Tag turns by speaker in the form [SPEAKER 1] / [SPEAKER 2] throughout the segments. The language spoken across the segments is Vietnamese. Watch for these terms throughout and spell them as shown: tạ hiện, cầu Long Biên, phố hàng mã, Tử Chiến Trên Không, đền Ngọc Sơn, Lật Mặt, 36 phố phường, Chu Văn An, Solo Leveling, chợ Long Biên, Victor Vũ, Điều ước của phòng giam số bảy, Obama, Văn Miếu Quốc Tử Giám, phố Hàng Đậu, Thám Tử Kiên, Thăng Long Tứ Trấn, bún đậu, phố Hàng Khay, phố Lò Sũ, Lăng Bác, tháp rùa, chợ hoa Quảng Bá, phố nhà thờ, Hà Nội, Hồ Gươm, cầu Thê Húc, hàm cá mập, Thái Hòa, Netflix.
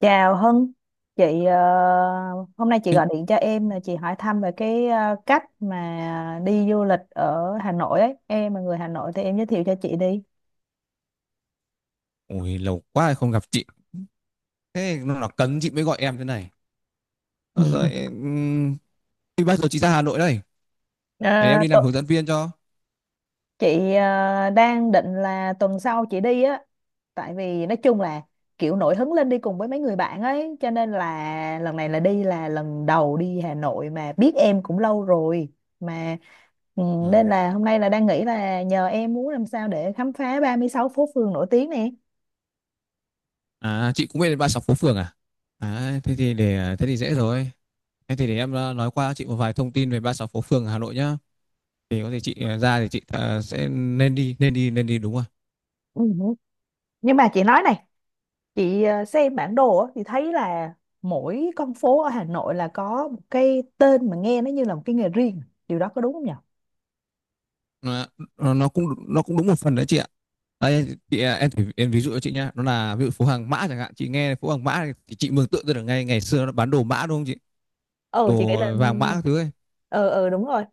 [SPEAKER 1] Chào Hân, chị hôm nay chị
[SPEAKER 2] Ê,
[SPEAKER 1] gọi điện cho em là chị hỏi thăm về cái cách mà đi du lịch ở Hà Nội ấy. Em là người Hà Nội thì em giới thiệu cho chị đi.
[SPEAKER 2] ôi lâu quá không gặp chị. Thế nó là cấn chị mới gọi em thế này. Ờ, Rồi em. Thì bao giờ chị ra Hà Nội đây? Để
[SPEAKER 1] Ờ,
[SPEAKER 2] em đi làm hướng dẫn viên cho.
[SPEAKER 1] chị đang định là tuần sau chị đi á, tại vì nói chung là kiểu nổi hứng lên đi cùng với mấy người bạn ấy, cho nên là lần này là đi là lần đầu đi Hà Nội mà biết em cũng lâu rồi mà. ừ, Nên
[SPEAKER 2] Ờ.
[SPEAKER 1] là hôm nay là đang nghĩ là nhờ em muốn làm sao để khám phá 36 phố phường nổi tiếng nè.
[SPEAKER 2] À chị cũng biết đến 36 phố phường à. À, thế thì dễ rồi. Thế thì để em nói qua chị một vài thông tin về 36 phố phường Hà Nội nhá. Thì có thể chị ra thì chị sẽ nên đi đúng rồi.
[SPEAKER 1] Ừ. Nhưng mà chị nói này, chị xem bản đồ á, thì thấy là mỗi con phố ở Hà Nội là có một cái tên mà nghe nó như là một cái nghề riêng. Điều đó có đúng không nhỉ?
[SPEAKER 2] Nó nó cũng đúng một phần đấy chị ạ. Đây, chị, em, em ví dụ cho chị nhá, nó là ví dụ phố hàng mã chẳng hạn. Chị nghe phố hàng mã thì chị mường tượng ra được ngay ngày xưa nó bán đồ mã đúng không chị,
[SPEAKER 1] Ừ, chị nghĩ
[SPEAKER 2] đồ
[SPEAKER 1] là
[SPEAKER 2] vàng mã các thứ ấy.
[SPEAKER 1] ừ ừ đúng rồi.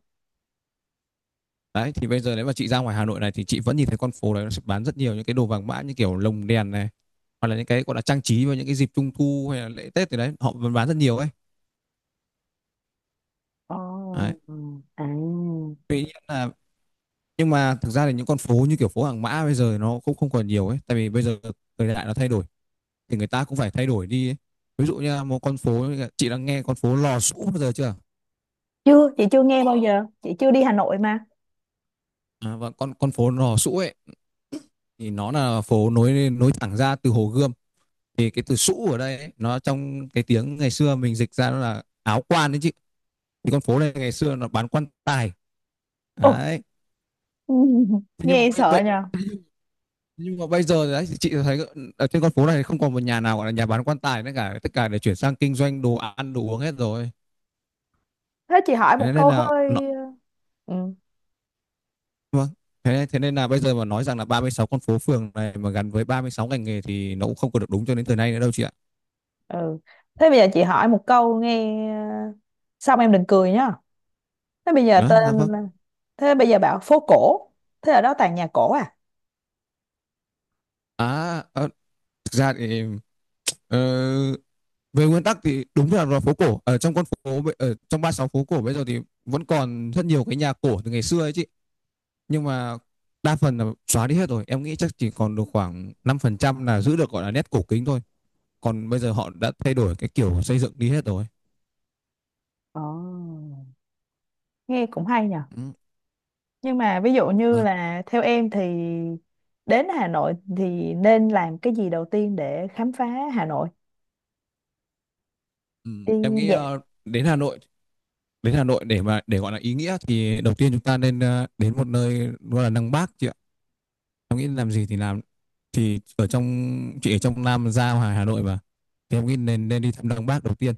[SPEAKER 2] Đấy thì bây giờ nếu mà chị ra ngoài Hà Nội này thì chị vẫn nhìn thấy con phố đấy, nó sẽ bán rất nhiều những cái đồ vàng mã như kiểu lồng đèn này, hoặc là những cái gọi là trang trí vào những cái dịp trung thu hay là lễ Tết thì đấy, họ vẫn bán rất nhiều ấy.
[SPEAKER 1] Ồ,
[SPEAKER 2] Đấy.
[SPEAKER 1] ừ. À.
[SPEAKER 2] Tuy nhiên là Nhưng mà thực ra thì những con phố như kiểu phố hàng mã bây giờ nó cũng không còn nhiều ấy, tại vì bây giờ thời đại nó thay đổi thì người ta cũng phải thay đổi đi ấy. Ví dụ như là một con phố, chị đã nghe con phố Lò Sũ bao giờ chưa?
[SPEAKER 1] Chưa, chị chưa nghe bao giờ, chị chưa đi Hà Nội mà.
[SPEAKER 2] À, và con phố Lò Sũ ấy thì nó là phố nối nối thẳng ra từ Hồ Gươm. Thì cái từ sũ ở đây ấy, nó trong cái tiếng ngày xưa mình dịch ra nó là áo quan đấy chị. Thì con phố này ngày xưa nó bán quan tài.
[SPEAKER 1] Ôi,
[SPEAKER 2] Đấy. Thế nhưng mà
[SPEAKER 1] nghe sợ nhờ.
[SPEAKER 2] bây giờ đấy, chị thấy ở trên con phố này không còn một nhà nào gọi là nhà bán quan tài nữa cả, tất cả để chuyển sang kinh doanh đồ ăn đồ uống hết rồi.
[SPEAKER 1] Thế chị hỏi một
[SPEAKER 2] Thế nên
[SPEAKER 1] câu
[SPEAKER 2] là nó,
[SPEAKER 1] hơi... Ừ,
[SPEAKER 2] Vâng, thế nên là bây giờ mà nói rằng là 36 con phố phường này mà gắn với 36 ngành nghề thì nó cũng không còn được đúng cho đến thời nay nữa đâu chị ạ.
[SPEAKER 1] ừ. Thế bây giờ chị hỏi một câu nghe... ờ, Xong em đừng cười nhá. Thế bây giờ
[SPEAKER 2] Đó, dạ
[SPEAKER 1] tên
[SPEAKER 2] vâng.
[SPEAKER 1] là- Thế bây giờ bảo phố cổ. Thế ở đó toàn nhà cổ à?
[SPEAKER 2] à, à Thực ra thì, Ờ, về nguyên tắc thì đúng là phố cổ ở trong con phố, ở trong 36 phố cổ bây giờ thì vẫn còn rất nhiều cái nhà cổ từ ngày xưa ấy chị. Nhưng mà đa phần là xóa đi hết rồi, em nghĩ chắc chỉ còn được khoảng 5% là giữ được gọi là nét cổ kính thôi, còn bây giờ họ đã thay đổi cái kiểu xây dựng đi hết rồi.
[SPEAKER 1] Ồ, nghe cũng hay nhờ.
[SPEAKER 2] Ừ.
[SPEAKER 1] Nhưng mà ví dụ như
[SPEAKER 2] Vâng.
[SPEAKER 1] là theo em thì đến Hà Nội thì nên làm cái gì đầu tiên để khám phá Hà Nội?
[SPEAKER 2] Ừ.
[SPEAKER 1] Đi
[SPEAKER 2] Em nghĩ
[SPEAKER 1] dạo.
[SPEAKER 2] đến Hà Nội để mà để gọi là ý nghĩa thì đầu tiên chúng ta nên đến một nơi gọi là Lăng Bác chị ạ. Em nghĩ làm gì thì làm, thì ở trong chị ở trong Nam Giao ngoài Hà Nội mà, thì em nghĩ nên nên đi thăm Lăng Bác đầu tiên.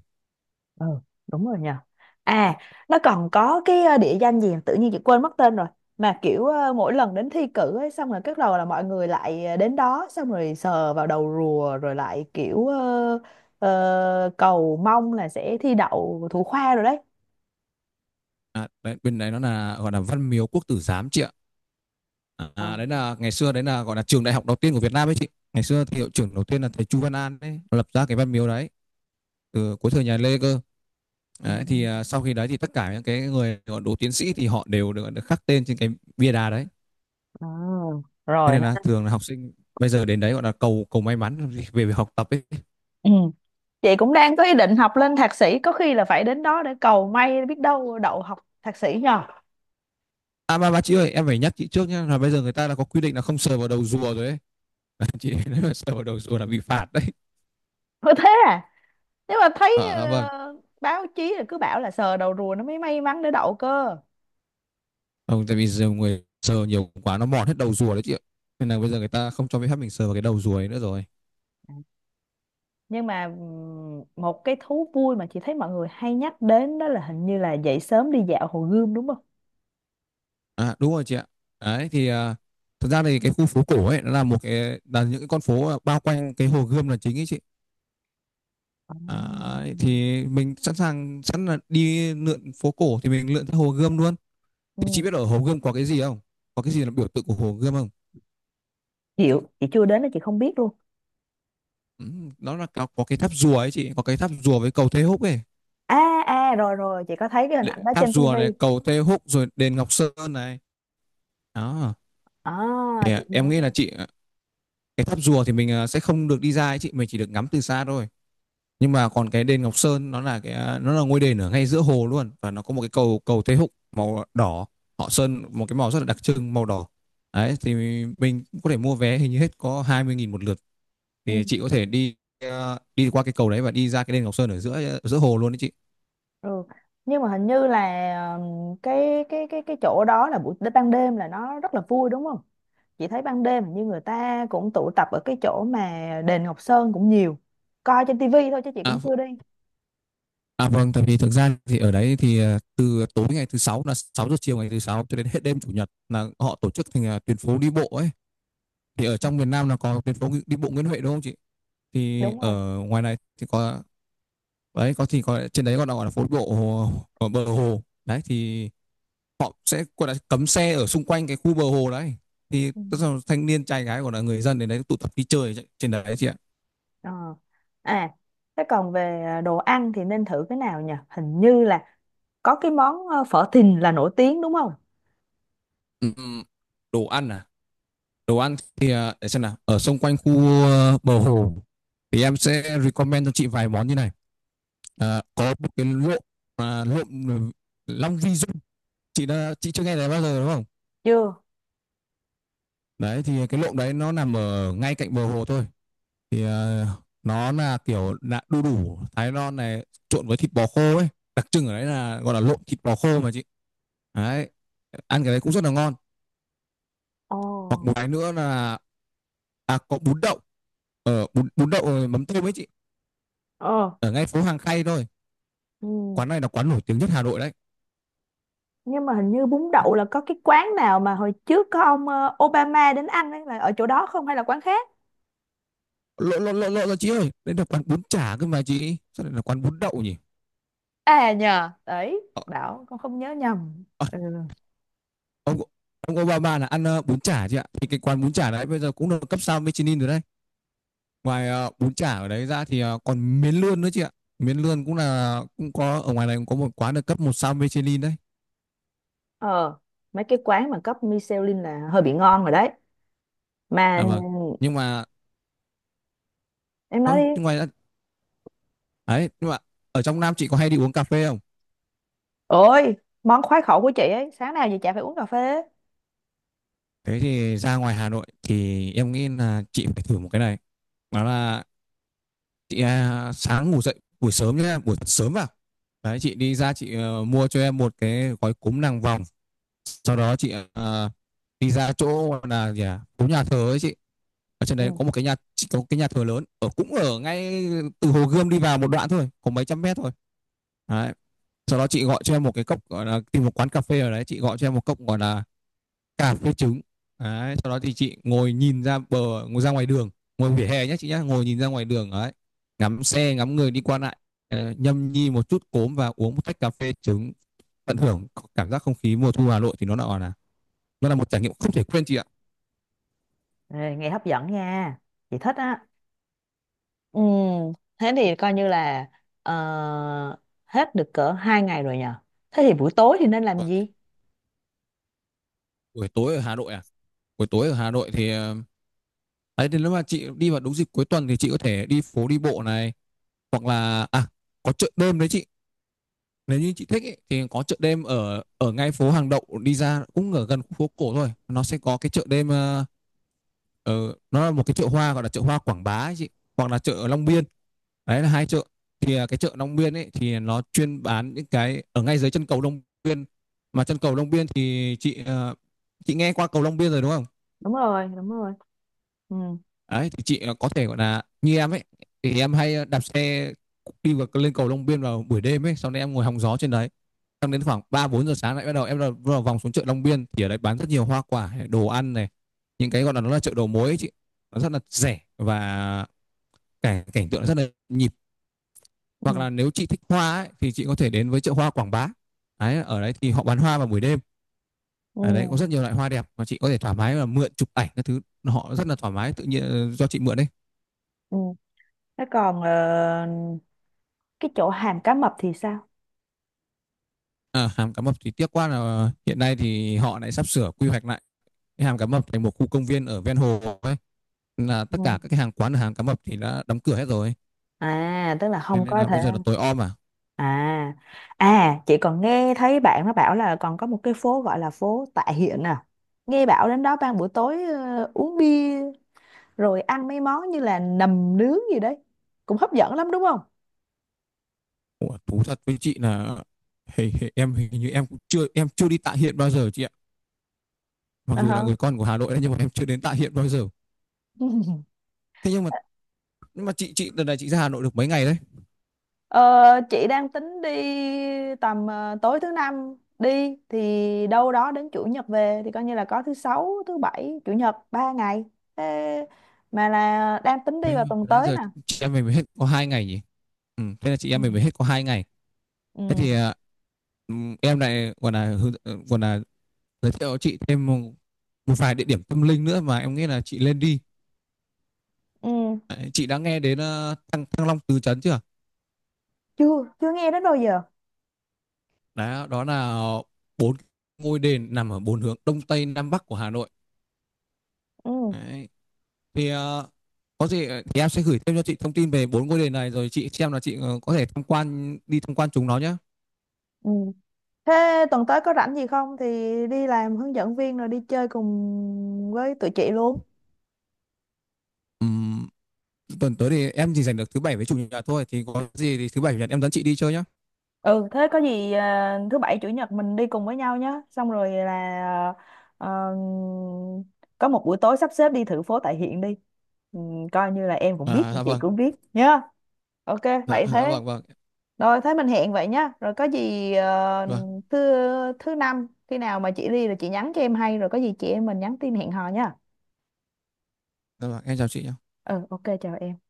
[SPEAKER 1] Ừ, đúng rồi nhờ. À, nó còn có cái địa danh gì tự nhiên chị quên mất tên rồi mà kiểu mỗi lần đến thi cử ấy xong rồi cái đầu là mọi người lại đến đó xong rồi sờ vào đầu rùa rồi lại kiểu cầu mong là sẽ thi đậu thủ khoa rồi đấy.
[SPEAKER 2] À, đấy, bên đấy nó là gọi là Văn Miếu Quốc Tử Giám chị ạ.
[SPEAKER 1] Ờ.
[SPEAKER 2] À, đấy là ngày xưa đấy là gọi là trường đại học đầu tiên của Việt Nam ấy chị, ngày xưa thì hiệu trưởng đầu tiên là thầy Chu Văn An đấy, lập ra cái Văn Miếu đấy từ cuối thời nhà Lê cơ.
[SPEAKER 1] Ừ.
[SPEAKER 2] Đấy, thì sau khi đấy thì tất cả những cái người gọi đỗ tiến sĩ thì họ đều được, được khắc tên trên cái bia đá đấy,
[SPEAKER 1] Ờ,
[SPEAKER 2] thế
[SPEAKER 1] rồi
[SPEAKER 2] nên
[SPEAKER 1] nó-
[SPEAKER 2] là thường là học sinh bây giờ đến đấy gọi là cầu cầu may mắn về việc học tập ấy.
[SPEAKER 1] Ừ. Chị cũng đang có ý định học lên thạc sĩ, có khi là phải đến đó để cầu may, biết đâu đậu học thạc sĩ nhờ.
[SPEAKER 2] À, mà chị ơi, em phải nhắc chị trước nhé là bây giờ người ta đã có quy định là không sờ vào đầu rùa rồi ấy. Chị nếu mà sờ vào đầu rùa là bị phạt đấy.
[SPEAKER 1] Có thế à? Nếu mà thấy
[SPEAKER 2] Vâng.
[SPEAKER 1] báo chí là cứ bảo là sờ đầu rùa nó mới may mắn để đậu cơ.
[SPEAKER 2] Không, tại vì giờ người sờ nhiều quá nó mòn hết đầu rùa đấy chị ạ, nên là bây giờ người ta không cho phép mình sờ vào cái đầu rùa ấy nữa rồi.
[SPEAKER 1] À, nhưng mà một cái thú vui mà chị thấy mọi người hay nhắc đến đó là hình như là dậy sớm đi dạo Hồ Gươm đúng không?
[SPEAKER 2] À đúng rồi chị ạ. Đấy thì thật ra thì cái khu phố cổ ấy nó là một cái, là những cái con phố bao quanh cái Hồ Gươm là chính ấy chị.
[SPEAKER 1] Ồ.
[SPEAKER 2] À, ấy, thì mình sẵn sàng sẵn là đi lượn phố cổ thì mình lượn theo Hồ Gươm luôn. Thì chị
[SPEAKER 1] Ừ.
[SPEAKER 2] biết ở Hồ Gươm có cái gì không, có cái gì là biểu tượng của Hồ Gươm không?
[SPEAKER 1] Chịu, chị chưa đến đó, chị không biết luôn.
[SPEAKER 2] Ừ, nó là có cái tháp rùa ấy chị, có cái tháp rùa với cầu Thê Húc ấy.
[SPEAKER 1] À, à, rồi rồi, chị có thấy cái hình ảnh đó
[SPEAKER 2] Tháp
[SPEAKER 1] trên
[SPEAKER 2] rùa
[SPEAKER 1] tivi.
[SPEAKER 2] này, cầu Thê Húc rồi đền Ngọc Sơn này. Đó,
[SPEAKER 1] À,
[SPEAKER 2] thì
[SPEAKER 1] chị nhớ.
[SPEAKER 2] em nghĩ là chị, cái tháp rùa thì mình sẽ không được đi ra ấy chị, mình chỉ được ngắm từ xa thôi. Nhưng mà còn cái đền Ngọc Sơn, nó là cái, nó là ngôi đền ở ngay giữa hồ luôn, và nó có một cái cầu, cầu Thê Húc màu đỏ, họ sơn một cái màu rất là đặc trưng màu đỏ. Đấy thì mình có thể mua vé hình như hết có 20.000 một lượt, thì chị có thể đi qua cái cầu đấy và đi ra cái đền Ngọc Sơn ở giữa giữa hồ luôn đấy chị.
[SPEAKER 1] Ừ. Nhưng mà hình như là cái chỗ đó là buổi ban đêm là nó rất là vui đúng không? Chị thấy ban đêm hình như người ta cũng tụ tập ở cái chỗ mà đền Ngọc Sơn cũng nhiều. Coi trên tivi thôi chứ chị
[SPEAKER 2] à,
[SPEAKER 1] cũng chưa đi.
[SPEAKER 2] À vâng, tại vì thực ra thì ở đấy thì từ tối ngày thứ sáu, là 6 giờ chiều ngày thứ sáu cho đến hết đêm chủ nhật là họ tổ chức thành tuyến phố đi bộ ấy. Thì ở trong miền Nam là có tuyến phố đi bộ Nguyễn Huệ đúng không chị? Thì
[SPEAKER 1] Đúng rồi.
[SPEAKER 2] ở ngoài này thì có đấy, có thì có trên đấy, còn gọi là phố đi bộ hồ, ở bờ hồ. Đấy thì họ sẽ gọi là cấm xe ở xung quanh cái khu bờ hồ đấy. Thì
[SPEAKER 1] Ừ.
[SPEAKER 2] tức là thanh niên trai gái, gọi là người dân đến đấy tụ tập đi chơi trên đấy chị ạ.
[SPEAKER 1] Ờ. À, thế còn về đồ ăn thì nên thử cái nào nhỉ? Hình như là có cái món phở Thìn là nổi tiếng đúng không?
[SPEAKER 2] Ừ, ừ. Đồ ăn à? Đồ ăn thì, để xem nào, ở xung quanh khu bờ hồ thì em sẽ recommend cho chị vài món như này. Có một cái lộn, à, lộn ừ, Long Vi Dung, chị chưa nghe thấy bao giờ đúng không?
[SPEAKER 1] Chưa.
[SPEAKER 2] Đấy thì cái lộn đấy nó nằm ở ngay cạnh bờ hồ thôi, thì nó là kiểu là đu đủ Thái non này trộn với thịt bò khô ấy, đặc trưng ở đấy là gọi là lộn thịt bò khô mà chị. Đấy, ăn cái đấy cũng rất là ngon.
[SPEAKER 1] Ồ.
[SPEAKER 2] Hoặc một cái nữa là, có bún đậu, bún đậu mắm tôm ấy chị,
[SPEAKER 1] Ờ.
[SPEAKER 2] ở ngay phố Hàng Khay thôi.
[SPEAKER 1] Ừ.
[SPEAKER 2] Quán này là quán nổi tiếng nhất Hà Nội đấy.
[SPEAKER 1] Nhưng mà hình như bún đậu là có cái quán nào mà hồi trước có ông Obama đến ăn ấy là ở chỗ đó không hay là quán khác.
[SPEAKER 2] Lộ lộ lộ lộ ra Chị ơi, đây là quán bún chả cơ mà chị, sao lại là quán bún đậu nhỉ?
[SPEAKER 1] À nhờ đấy,
[SPEAKER 2] Ờ,
[SPEAKER 1] bảo con không nhớ nhầm.
[SPEAKER 2] ờ,
[SPEAKER 1] Ừ.
[SPEAKER 2] ông ông Obama là ăn bún chả chị ạ, thì cái quán bún chả đấy bây giờ cũng được cấp sao Michelin rồi đấy. Ngoài bún chả ở đấy ra thì còn miến lươn nữa chị ạ, miến lươn cũng có ở ngoài này, cũng có một quán được cấp một sao Michelin đấy.
[SPEAKER 1] ờ Mấy cái quán mà cấp Michelin là hơi bị ngon rồi đấy, mà
[SPEAKER 2] À vâng. Nhưng mà
[SPEAKER 1] em nói
[SPEAKER 2] ờ,
[SPEAKER 1] đi.
[SPEAKER 2] nhưng ngoài ra- đấy, nhưng mà ở trong Nam chị có hay đi uống cà phê không?
[SPEAKER 1] Ôi, món khoái khẩu của chị ấy, sáng nào chị chả phải uống cà phê.
[SPEAKER 2] Thế thì ra ngoài Hà Nội thì em nghĩ là chị phải thử một cái này, đó là chị, sáng ngủ dậy buổi sớm nhá, buổi sớm vào đấy, chị đi ra chị mua cho em một cái gói cúm nàng vòng. Sau đó chị đi ra chỗ gọi là gì à? Phố Nhà Thờ ấy chị, ở trên đấy
[SPEAKER 1] Ừ.
[SPEAKER 2] có một cái nhà chị, có cái nhà thờ lớn, ở ngay từ Hồ Gươm đi vào một đoạn thôi, có mấy trăm mét thôi. Đấy. Sau đó chị gọi cho em một cái cốc gọi là tìm một quán cà phê ở đấy, chị gọi cho em một cốc gọi là cà phê trứng. Đấy, sau đó thì chị ngồi nhìn ra bờ ngồi ra ngoài đường, ngồi vỉa hè nhé chị nhé, ngồi nhìn ra ngoài đường đấy, ngắm xe ngắm người đi qua lại, nhâm nhi một chút cốm và uống một tách cà phê trứng, tận hưởng cảm giác không khí mùa thu Hà Nội thì nó là nó là một trải nghiệm không thể quên chị ạ.
[SPEAKER 1] Ê, nghe hấp dẫn nha, chị thích á. Ừ. Thế thì coi như là ờ, hết được cỡ 2 ngày rồi nhờ. Thế thì buổi tối thì nên làm gì?
[SPEAKER 2] Buổi tối ở Hà Nội à? Buổi tối ở Hà Nội thì đấy, thì nếu mà chị đi vào đúng dịp cuối tuần thì chị có thể đi phố đi bộ này, hoặc là à có chợ đêm đấy chị. Nếu như chị thích ấy, thì có chợ đêm ở ở ngay phố Hàng Đậu đi ra, cũng ở gần phố cổ thôi, nó sẽ có cái chợ đêm, nó là một cái chợ hoa gọi là chợ hoa Quảng Bá ấy chị, hoặc là chợ Long Biên. Đấy là hai chợ. Thì à, cái chợ Long Biên ấy thì nó chuyên bán những cái ở ngay dưới chân cầu Long Biên, mà chân cầu Long Biên thì chị chị nghe qua cầu Long Biên rồi đúng không.
[SPEAKER 1] Đúng rồi, đúng rồi. Ừ,
[SPEAKER 2] Đấy, thì chị có thể gọi là như em ấy, thì em hay đạp xe đi vào lên cầu Long Biên vào buổi đêm ấy, sau đấy em ngồi hóng gió trên đấy, xong đến khoảng ba bốn giờ sáng lại bắt đầu em là bắt vòng xuống chợ Long Biên, thì ở đấy bán rất nhiều hoa quả đồ ăn này, những cái gọi là nó là chợ đầu mối ấy chị, nó rất là rẻ và cảnh cảnh tượng rất là nhịp. Hoặc
[SPEAKER 1] ừ,
[SPEAKER 2] là nếu chị thích hoa ấy, thì chị có thể đến với chợ hoa Quảng Bá. Đấy, ở đấy thì họ bán hoa vào buổi đêm, ở đấy có
[SPEAKER 1] ừ,
[SPEAKER 2] rất nhiều loại hoa đẹp mà chị có thể thoải mái là mượn chụp ảnh các thứ, họ rất là thoải mái tự nhiên, do chị mượn đấy.
[SPEAKER 1] ừ. Thế còn cái chỗ hàm cá mập thì sao?
[SPEAKER 2] À, hàm cá mập thì tiếc quá là hiện nay thì họ lại sắp sửa quy hoạch lại cái hàm cá mập thành một khu công viên ở ven hồ ấy, là tất
[SPEAKER 1] Ừ.
[SPEAKER 2] cả các cái hàng quán ở hàm cá mập thì đã đóng cửa hết rồi.
[SPEAKER 1] À, tức là
[SPEAKER 2] Thế
[SPEAKER 1] không
[SPEAKER 2] nên
[SPEAKER 1] có
[SPEAKER 2] là
[SPEAKER 1] thể.
[SPEAKER 2] bây giờ là tối om à.
[SPEAKER 1] À, à, chị còn nghe thấy bạn nó bảo là còn có một cái phố gọi là phố Tạ Hiện à. Nghe bảo đến đó ban buổi tối uống bia rồi ăn mấy món như là nầm nướng gì đấy, cũng hấp dẫn lắm đúng không?
[SPEAKER 2] Ủa, thú thật với chị là hề, hề, em hình như em cũng chưa em chưa đi Tạ Hiện bao giờ chị ạ, mặc
[SPEAKER 1] Ờ
[SPEAKER 2] dù là
[SPEAKER 1] hả.
[SPEAKER 2] người con của Hà Nội đấy nhưng mà em chưa đến Tạ Hiện bao giờ. Thế nhưng mà, nhưng mà chị lần này chị ra Hà Nội được mấy ngày đấy?
[SPEAKER 1] Ờ, chị đang tính đi tầm tối thứ năm đi thì đâu đó đến chủ nhật về, thì coi như là có thứ sáu, thứ bảy, chủ nhật 3 ngày. Thế mà là đang tính đi
[SPEAKER 2] Thế
[SPEAKER 1] vào tuần
[SPEAKER 2] nãy
[SPEAKER 1] tới
[SPEAKER 2] giờ
[SPEAKER 1] nè.
[SPEAKER 2] chị em mình mới hết có hai ngày nhỉ. Ừ, thế là chị
[SPEAKER 1] Ừ.
[SPEAKER 2] em mình mới hết có hai ngày. Thế
[SPEAKER 1] Ừ.
[SPEAKER 2] thì ừ, em lại còn là còn là giới thiệu cho chị thêm một, một vài địa điểm tâm linh nữa mà em nghĩ là chị lên đi.
[SPEAKER 1] Ừ.
[SPEAKER 2] Đấy, chị đã nghe đến Thăng Long Tứ Trấn chưa?
[SPEAKER 1] Chưa, chưa nghe đến bao giờ.
[SPEAKER 2] Đấy, đó là bốn ngôi đền nằm ở bốn hướng đông tây nam bắc của Hà Nội.
[SPEAKER 1] Ừ.
[SPEAKER 2] Đấy. Thì có gì thì em sẽ gửi thêm cho chị thông tin về bốn ngôi đền này, rồi chị xem là chị có thể tham quan đi tham quan chúng nó nhé.
[SPEAKER 1] Ừ. Thế tuần tới có rảnh gì không thì đi làm hướng dẫn viên rồi đi chơi cùng với tụi chị luôn.
[SPEAKER 2] Tuần tới thì em chỉ giành được thứ bảy với chủ nhật thôi, thì có gì thì thứ bảy chủ nhật em dẫn chị đi chơi nhá.
[SPEAKER 1] Ừ, thế có gì à, thứ bảy chủ nhật mình đi cùng với nhau nhé, xong rồi là ờ, có một buổi tối sắp xếp đi thử phố tại hiện đi. Ừ, coi như là em cũng biết
[SPEAKER 2] À dạ
[SPEAKER 1] chị
[SPEAKER 2] vâng,
[SPEAKER 1] cũng biết nhá. OK.
[SPEAKER 2] dạ
[SPEAKER 1] Vậy
[SPEAKER 2] dạ
[SPEAKER 1] thế,
[SPEAKER 2] vâng vâng
[SPEAKER 1] rồi thế mình hẹn vậy nhá, rồi có gì
[SPEAKER 2] vâng,
[SPEAKER 1] thứ thứ năm khi nào mà chị đi là chị nhắn cho em hay, rồi có gì chị em mình nhắn tin hẹn hò nhá.
[SPEAKER 2] dạ vâng, em chào chị nhá.
[SPEAKER 1] Ừ, OK, chào em.